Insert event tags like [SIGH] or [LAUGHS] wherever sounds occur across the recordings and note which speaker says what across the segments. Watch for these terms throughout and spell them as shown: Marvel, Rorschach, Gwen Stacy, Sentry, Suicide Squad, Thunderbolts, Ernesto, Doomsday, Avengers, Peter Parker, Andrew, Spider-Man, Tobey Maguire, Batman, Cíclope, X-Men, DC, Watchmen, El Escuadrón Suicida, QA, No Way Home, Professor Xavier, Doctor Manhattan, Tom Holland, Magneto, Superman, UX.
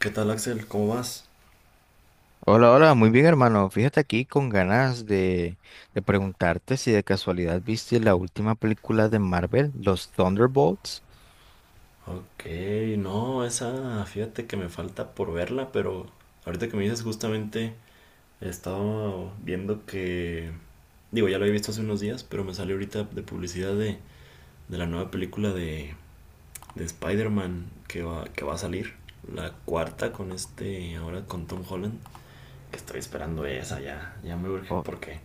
Speaker 1: ¿Qué tal, Axel? ¿Cómo vas?
Speaker 2: Hola, hola, muy bien hermano. Fíjate aquí con ganas de preguntarte si de casualidad viste la última película de Marvel, los Thunderbolts.
Speaker 1: Ok, no, esa, fíjate que me falta por verla, pero ahorita que me dices justamente, estaba viendo que, digo, ya lo había visto hace unos días, pero me salió ahorita de publicidad de, la nueva película de Spider-Man que va a salir, la cuarta con este, ahora con Tom Holland, que estoy esperando esa ya me urge
Speaker 2: Oh,
Speaker 1: porque,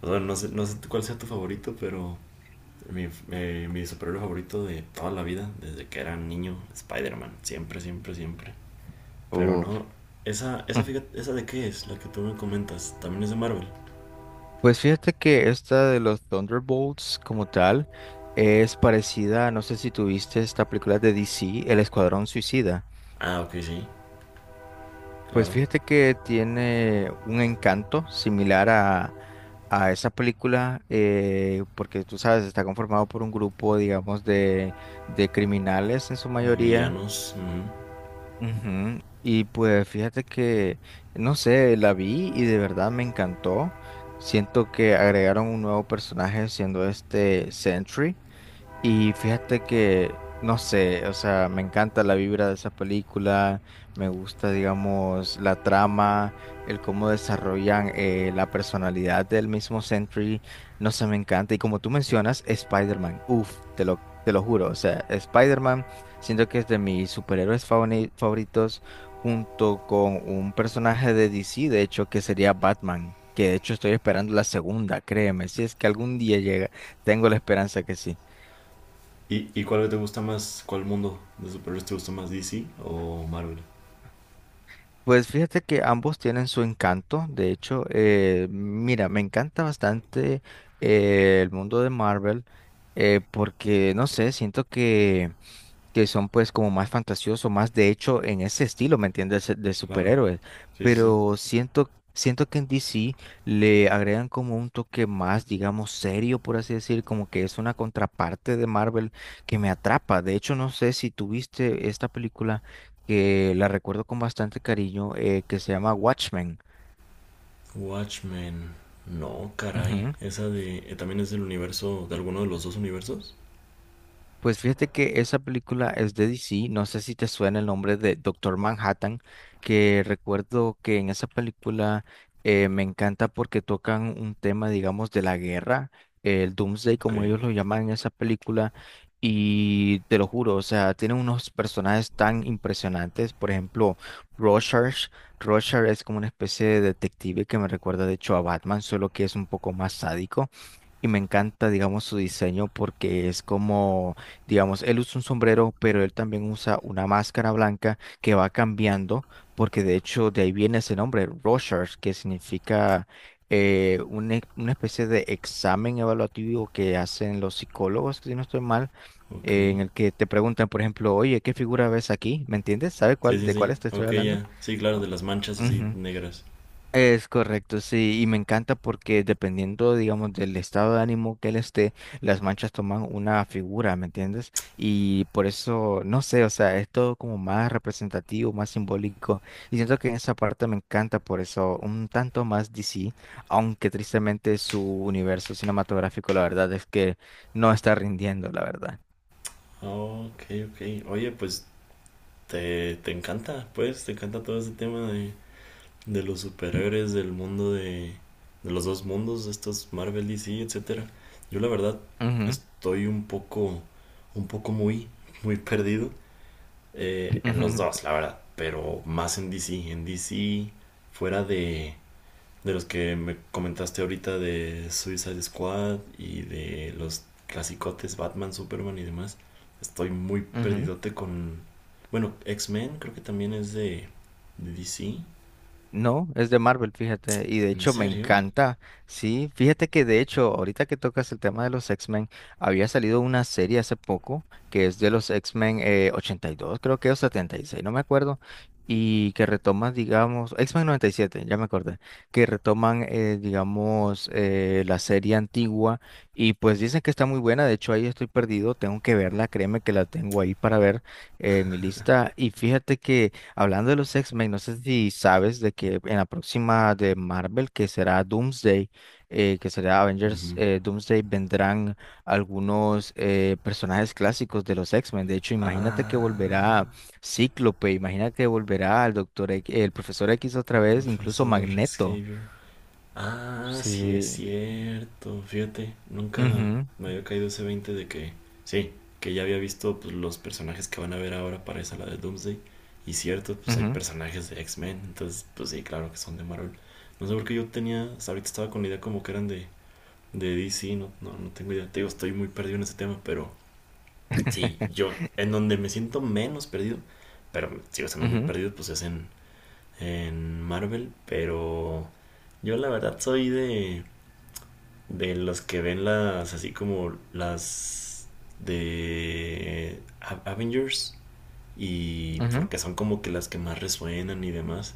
Speaker 1: pues, bueno, no sé, no sé cuál sea tu favorito, pero mi superhéroe favorito de toda la vida, desde que era niño, Spider-Man. Siempre, siempre, siempre. Pero
Speaker 2: uf.
Speaker 1: no, esa, esa,
Speaker 2: [LAUGHS]
Speaker 1: esa de qué es, la que tú me comentas, también es de Marvel.
Speaker 2: Pues fíjate que esta de los Thunderbolts como tal es parecida, no sé si tuviste esta película de DC, El Escuadrón Suicida.
Speaker 1: Ah, ok, sí,
Speaker 2: Pues
Speaker 1: claro.
Speaker 2: fíjate que tiene un encanto similar a esa película, porque tú sabes, está conformado por un grupo, digamos, de criminales en su
Speaker 1: De
Speaker 2: mayoría.
Speaker 1: villanos. Ujú.
Speaker 2: Ujú. Y pues fíjate que, no sé, la vi y de verdad me encantó. Siento que agregaron un nuevo personaje siendo este Sentry. Y fíjate que, no sé, o sea, me encanta la vibra de esa película, me gusta, digamos, la trama, el cómo desarrollan la personalidad del mismo Sentry, no sé, me encanta. Y como tú mencionas, Spider-Man, uff, te lo juro, o sea, Spider-Man siento que es de mis superhéroes favoritos, junto con un personaje de DC, de hecho, que sería Batman, que de hecho estoy esperando la segunda, créeme, si es que algún día llega, tengo la esperanza que sí.
Speaker 1: ¿Y cuál te gusta más? ¿Cuál mundo de superhéroes te gusta más, DC o Marvel?
Speaker 2: Pues fíjate que ambos tienen su encanto. De hecho, mira, me encanta bastante, el mundo de Marvel, porque, no sé, siento que son pues como más fantasiosos, más de hecho en ese estilo, ¿me entiendes? De
Speaker 1: Claro.
Speaker 2: superhéroes.
Speaker 1: Sí, sí, sí.
Speaker 2: Pero siento, siento que en DC le agregan como un toque más, digamos, serio, por así decir, como que es una contraparte de Marvel que me atrapa. De hecho, no sé si tuviste esta película que la recuerdo con bastante cariño, que se llama Watchmen.
Speaker 1: Watchmen. No, caray.
Speaker 2: Ujú.
Speaker 1: Esa de. ¿También es del universo, de alguno de los dos universos?
Speaker 2: Pues fíjate que esa película es de DC, no sé si te suena el nombre de Doctor Manhattan, que recuerdo que en esa película, me encanta porque tocan un tema, digamos, de la guerra, el Doomsday,
Speaker 1: Ok,
Speaker 2: como ellos lo llaman en esa película, y te lo juro, o sea, tienen unos personajes tan impresionantes, por ejemplo, Rorschach. Rorschach es como una especie de detective que me recuerda de hecho a Batman, solo que es un poco más sádico. Y me encanta, digamos, su diseño porque es como, digamos, él usa un sombrero, pero él también usa una máscara blanca que va cambiando, porque de hecho de ahí viene ese nombre, Rorschach, que significa, una especie de examen evaluativo que hacen los psicólogos, si no estoy mal,
Speaker 1: ok.
Speaker 2: en el que te preguntan, por ejemplo, oye, ¿qué figura ves aquí? ¿Me entiendes? ¿Sabe
Speaker 1: Sí,
Speaker 2: cuál,
Speaker 1: sí,
Speaker 2: de
Speaker 1: sí.
Speaker 2: cuál te estoy
Speaker 1: Ok,
Speaker 2: hablando?
Speaker 1: ya. Sí, claro,
Speaker 2: O-
Speaker 1: de las manchas así
Speaker 2: Ujú.
Speaker 1: negras.
Speaker 2: Es correcto, sí, y me encanta porque dependiendo, digamos, del estado de ánimo que él esté, las manchas toman una figura, ¿me entiendes? Y por eso, no sé, o sea, es todo como más representativo, más simbólico, y siento que en esa parte me encanta por eso, un tanto más DC, aunque tristemente su universo cinematográfico, la verdad es que no está rindiendo, la verdad.
Speaker 1: Ok, ok. Oye, pues te encanta, pues, te encanta todo este tema de, los superhéroes, del mundo de los dos mundos, estos Marvel, DC, etcétera. Yo la verdad
Speaker 2: Ujú,
Speaker 1: estoy un poco muy, muy perdido en los
Speaker 2: ujú,
Speaker 1: dos, la verdad, pero más en DC. En DC, fuera de los que me comentaste ahorita de Suicide Squad y de los clasicotes Batman, Superman y demás, estoy muy
Speaker 2: ujú.
Speaker 1: perdidote con... Bueno, X-Men creo que también es de DC.
Speaker 2: No, es de Marvel, fíjate, y de
Speaker 1: ¿En
Speaker 2: hecho me
Speaker 1: serio?
Speaker 2: encanta. Sí, fíjate que de hecho, ahorita que tocas el tema de los X-Men, había salido una serie hace poco que es de los X-Men, 82, creo que o 76, no me acuerdo, y que retoma, digamos, X-Men 97, ya me acordé, que retoman, digamos, la serie antigua, y pues dicen que está muy buena, de hecho ahí estoy perdido, tengo que verla, créeme que la tengo ahí para ver, en mi lista, y fíjate que... Hablando de los X-Men, no sé si sabes de que en la próxima de Marvel, que será Doomsday, que será Avengers,
Speaker 1: Ujú.
Speaker 2: Doomsday, vendrán algunos, personajes clásicos de los X-Men. De hecho, imagínate que volverá
Speaker 1: Ah,
Speaker 2: Cíclope, imagínate que volverá el profesor X
Speaker 1: el
Speaker 2: otra vez, incluso
Speaker 1: profesor
Speaker 2: Magneto.
Speaker 1: Xavier. Ah, sí es
Speaker 2: Sí.
Speaker 1: cierto. Fíjate, nunca me había caído ese 20 de que, sí, que ya había visto pues, los personajes que van a ver ahora para esa la de Doomsday. Y cierto, pues hay
Speaker 2: Ujú, ujú,
Speaker 1: personajes de X-Men, entonces, pues sí, claro que son de Marvel. No sé por qué yo tenía, hasta ahorita estaba con la idea como que eran de, DC, no, no, no tengo idea. Te digo, estoy muy perdido en ese tema, pero sí,
Speaker 2: [LAUGHS]
Speaker 1: yo, en donde me siento menos perdido, pero sigo estando muy perdido, pues es en, Marvel, pero yo la verdad soy de los que ven las, así como las de Avengers y
Speaker 2: ujú, ujú,
Speaker 1: porque son como que las que más resuenan y demás.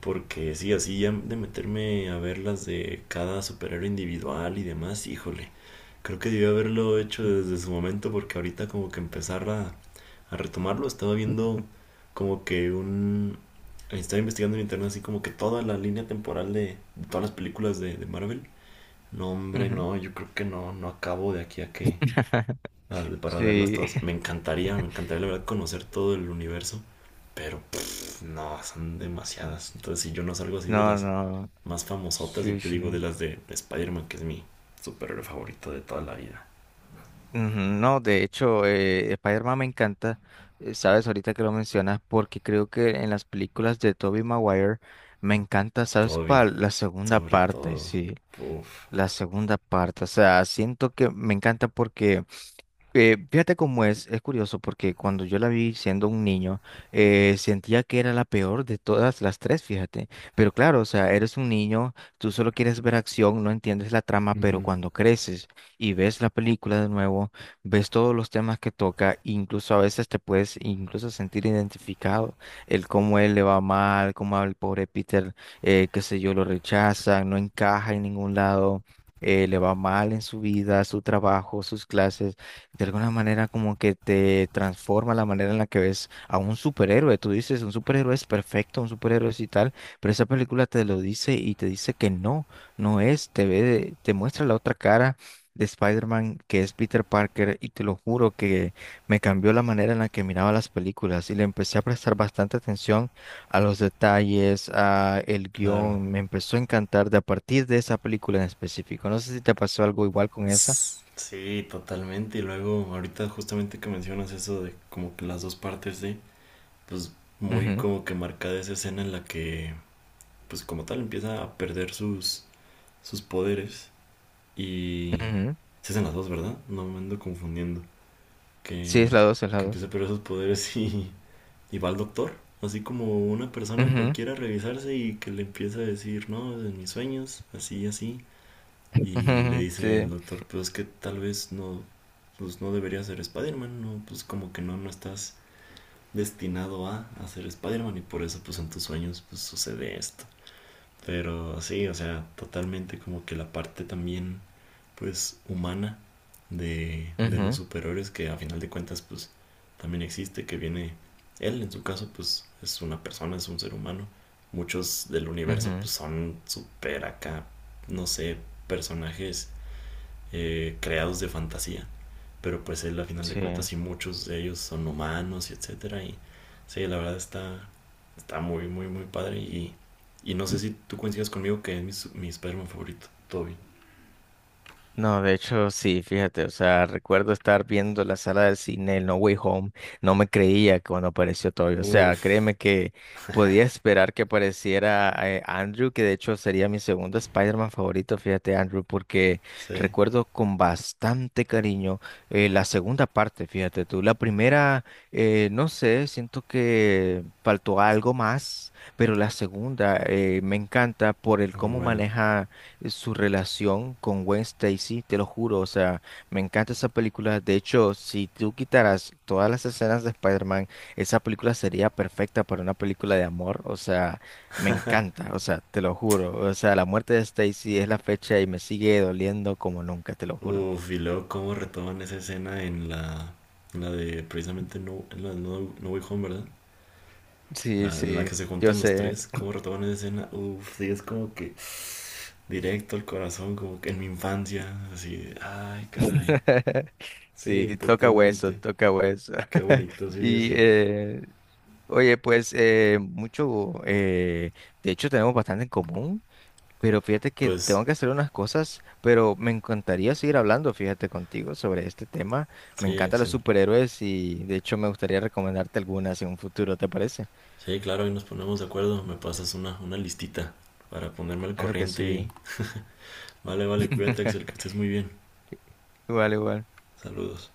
Speaker 1: Porque sí, así ya de meterme a ver las de cada superhéroe individual y demás, híjole, creo que debió haberlo hecho desde su momento porque ahorita como que empezar a, retomarlo, estaba viendo como que un... Estaba investigando en internet así como que toda la línea temporal de, todas las películas de Marvel no, hombre,
Speaker 2: ujú.
Speaker 1: no, yo creo que no, no acabo de aquí a que
Speaker 2: [LAUGHS]
Speaker 1: para verlas
Speaker 2: Sí.
Speaker 1: todas. Me encantaría la verdad conocer todo el universo, pero pff, no, son
Speaker 2: [LAUGHS]
Speaker 1: demasiadas. Entonces, si yo no salgo así de
Speaker 2: No,
Speaker 1: las
Speaker 2: no.
Speaker 1: más famosotas y
Speaker 2: Sí,
Speaker 1: te
Speaker 2: sí.
Speaker 1: digo de las de Spider-Man, que es mi superhéroe favorito de toda la vida.
Speaker 2: Ujú. No, de hecho, Spider-Man me encanta. Sabes, ahorita que lo mencionas, porque creo que en las películas de Tobey Maguire me encanta, sabes,
Speaker 1: Toby,
Speaker 2: para la segunda
Speaker 1: sobre
Speaker 2: parte,
Speaker 1: todo.
Speaker 2: sí,
Speaker 1: Uf.
Speaker 2: la segunda parte, o sea, siento que me encanta porque, fíjate cómo es curioso porque cuando yo la vi siendo un niño, sentía que era la peor de todas las tres, fíjate. Pero claro, o sea, eres un niño, tú solo quieres ver acción, no entiendes la trama, pero
Speaker 1: Ujú.
Speaker 2: cuando creces y ves la película de nuevo, ves todos los temas que toca, incluso a veces te puedes incluso sentir identificado, el cómo él le va mal, cómo al pobre Peter, qué sé yo, lo rechazan, no encaja en ningún lado. Le va mal en su vida, su trabajo, sus clases. De alguna manera como que te transforma la manera en la que ves a un superhéroe. Tú dices, un superhéroe es perfecto, un superhéroe es y tal, pero esa película te lo dice y te dice que no, no es, te muestra la otra cara de Spider-Man que es Peter Parker, y te lo juro que me cambió la manera en la que miraba las películas y le empecé a prestar bastante atención a los detalles, a el
Speaker 1: Claro.
Speaker 2: guión. Me empezó a encantar de a partir de esa película en específico. No sé si te pasó algo igual con esa.
Speaker 1: S- Sí, totalmente. Y luego, ahorita justamente que mencionas eso de como que las dos partes de, pues muy
Speaker 2: Ujú,
Speaker 1: como que marcada esa escena en la que pues como tal empieza a perder sus poderes y
Speaker 2: ujú.
Speaker 1: se hacen las dos, ¿verdad? No me ando confundiendo.
Speaker 2: Sí, es
Speaker 1: Que,
Speaker 2: la 2, es la
Speaker 1: que empieza a
Speaker 2: 2.
Speaker 1: perder sus poderes y va al doctor. Así como una persona
Speaker 2: Ujú,
Speaker 1: cualquiera a revisarse y que le empieza a decir, no, en mis sueños, así, así. Y le
Speaker 2: ujú,
Speaker 1: dice el
Speaker 2: sí.
Speaker 1: doctor, pues es que tal vez no, pues no deberías ser Spider-Man, no, pues como que no, no estás destinado a, ser Spider-Man y por eso pues en tus sueños pues sucede esto. Pero sí, o sea, totalmente como que la parte también, pues, humana de los
Speaker 2: Ujú,
Speaker 1: superhéroes que a final de cuentas, pues, también existe, que viene él, en su caso, pues, es una persona, es un ser humano. Muchos del universo,
Speaker 2: ujú,
Speaker 1: pues, son super acá, no sé, personajes creados de fantasía. Pero pues él a final de
Speaker 2: sí.
Speaker 1: cuentas sí muchos de ellos son humanos y etcétera. Y sí, la verdad está, está muy, muy, muy padre. Y no sé si tú coincidas conmigo que es mi Spider-Man favorito, Toby.
Speaker 2: No, de hecho, sí, fíjate, o sea, recuerdo estar viendo la sala del cine, el No Way Home, no me creía cuando apareció Toby, o sea,
Speaker 1: Uf,
Speaker 2: créeme que podía esperar que apareciera, Andrew, que de hecho sería mi segundo Spider-Man favorito, fíjate, Andrew, porque
Speaker 1: sí,
Speaker 2: recuerdo con bastante cariño, la segunda parte, fíjate tú, la primera, no sé, siento que faltó algo más, pero la segunda, me encanta por el
Speaker 1: muy
Speaker 2: cómo
Speaker 1: bueno.
Speaker 2: maneja, su relación con Gwen Stacy, te lo juro, o sea, me encanta esa película. De hecho, si tú quitaras todas las escenas de Spider-Man, esa película sería perfecta para una película de amor, o sea, me encanta, o sea, te lo juro, o sea, la muerte de Stacy es la fecha y me sigue doliendo como nunca, te lo juro.
Speaker 1: Uf, y luego cómo retoman esa escena en la de precisamente No, en la de no, No Way Home, ¿verdad? La,
Speaker 2: Sí,
Speaker 1: en la
Speaker 2: sí,
Speaker 1: que se
Speaker 2: yo
Speaker 1: juntan los
Speaker 2: sé.
Speaker 1: tres, cómo retoman esa escena. Uf, sí, es como que directo al corazón, como que en mi infancia, así, de, ay, caray.
Speaker 2: [LAUGHS]
Speaker 1: Sí,
Speaker 2: Sí, toca hueso,
Speaker 1: totalmente.
Speaker 2: toca hueso.
Speaker 1: Qué
Speaker 2: [LAUGHS]
Speaker 1: bonito, sí, sí,
Speaker 2: Y,
Speaker 1: sí.
Speaker 2: oye, pues, mucho, de hecho tenemos bastante en común, pero fíjate que
Speaker 1: Pues,
Speaker 2: tengo que hacer unas cosas, pero me encantaría seguir hablando, fíjate, contigo sobre este tema. Me
Speaker 1: sí,
Speaker 2: encantan los
Speaker 1: Axel.
Speaker 2: superhéroes y de hecho me gustaría recomendarte algunas en un futuro, ¿te parece?
Speaker 1: Sí, claro, ahí nos ponemos de acuerdo. Me pasas una, listita para ponerme al
Speaker 2: Claro que
Speaker 1: corriente y...
Speaker 2: sí.
Speaker 1: Vale, vale, cuídate, Axel, que
Speaker 2: [LAUGHS]
Speaker 1: estés muy bien.
Speaker 2: Igual, igual.
Speaker 1: Saludos.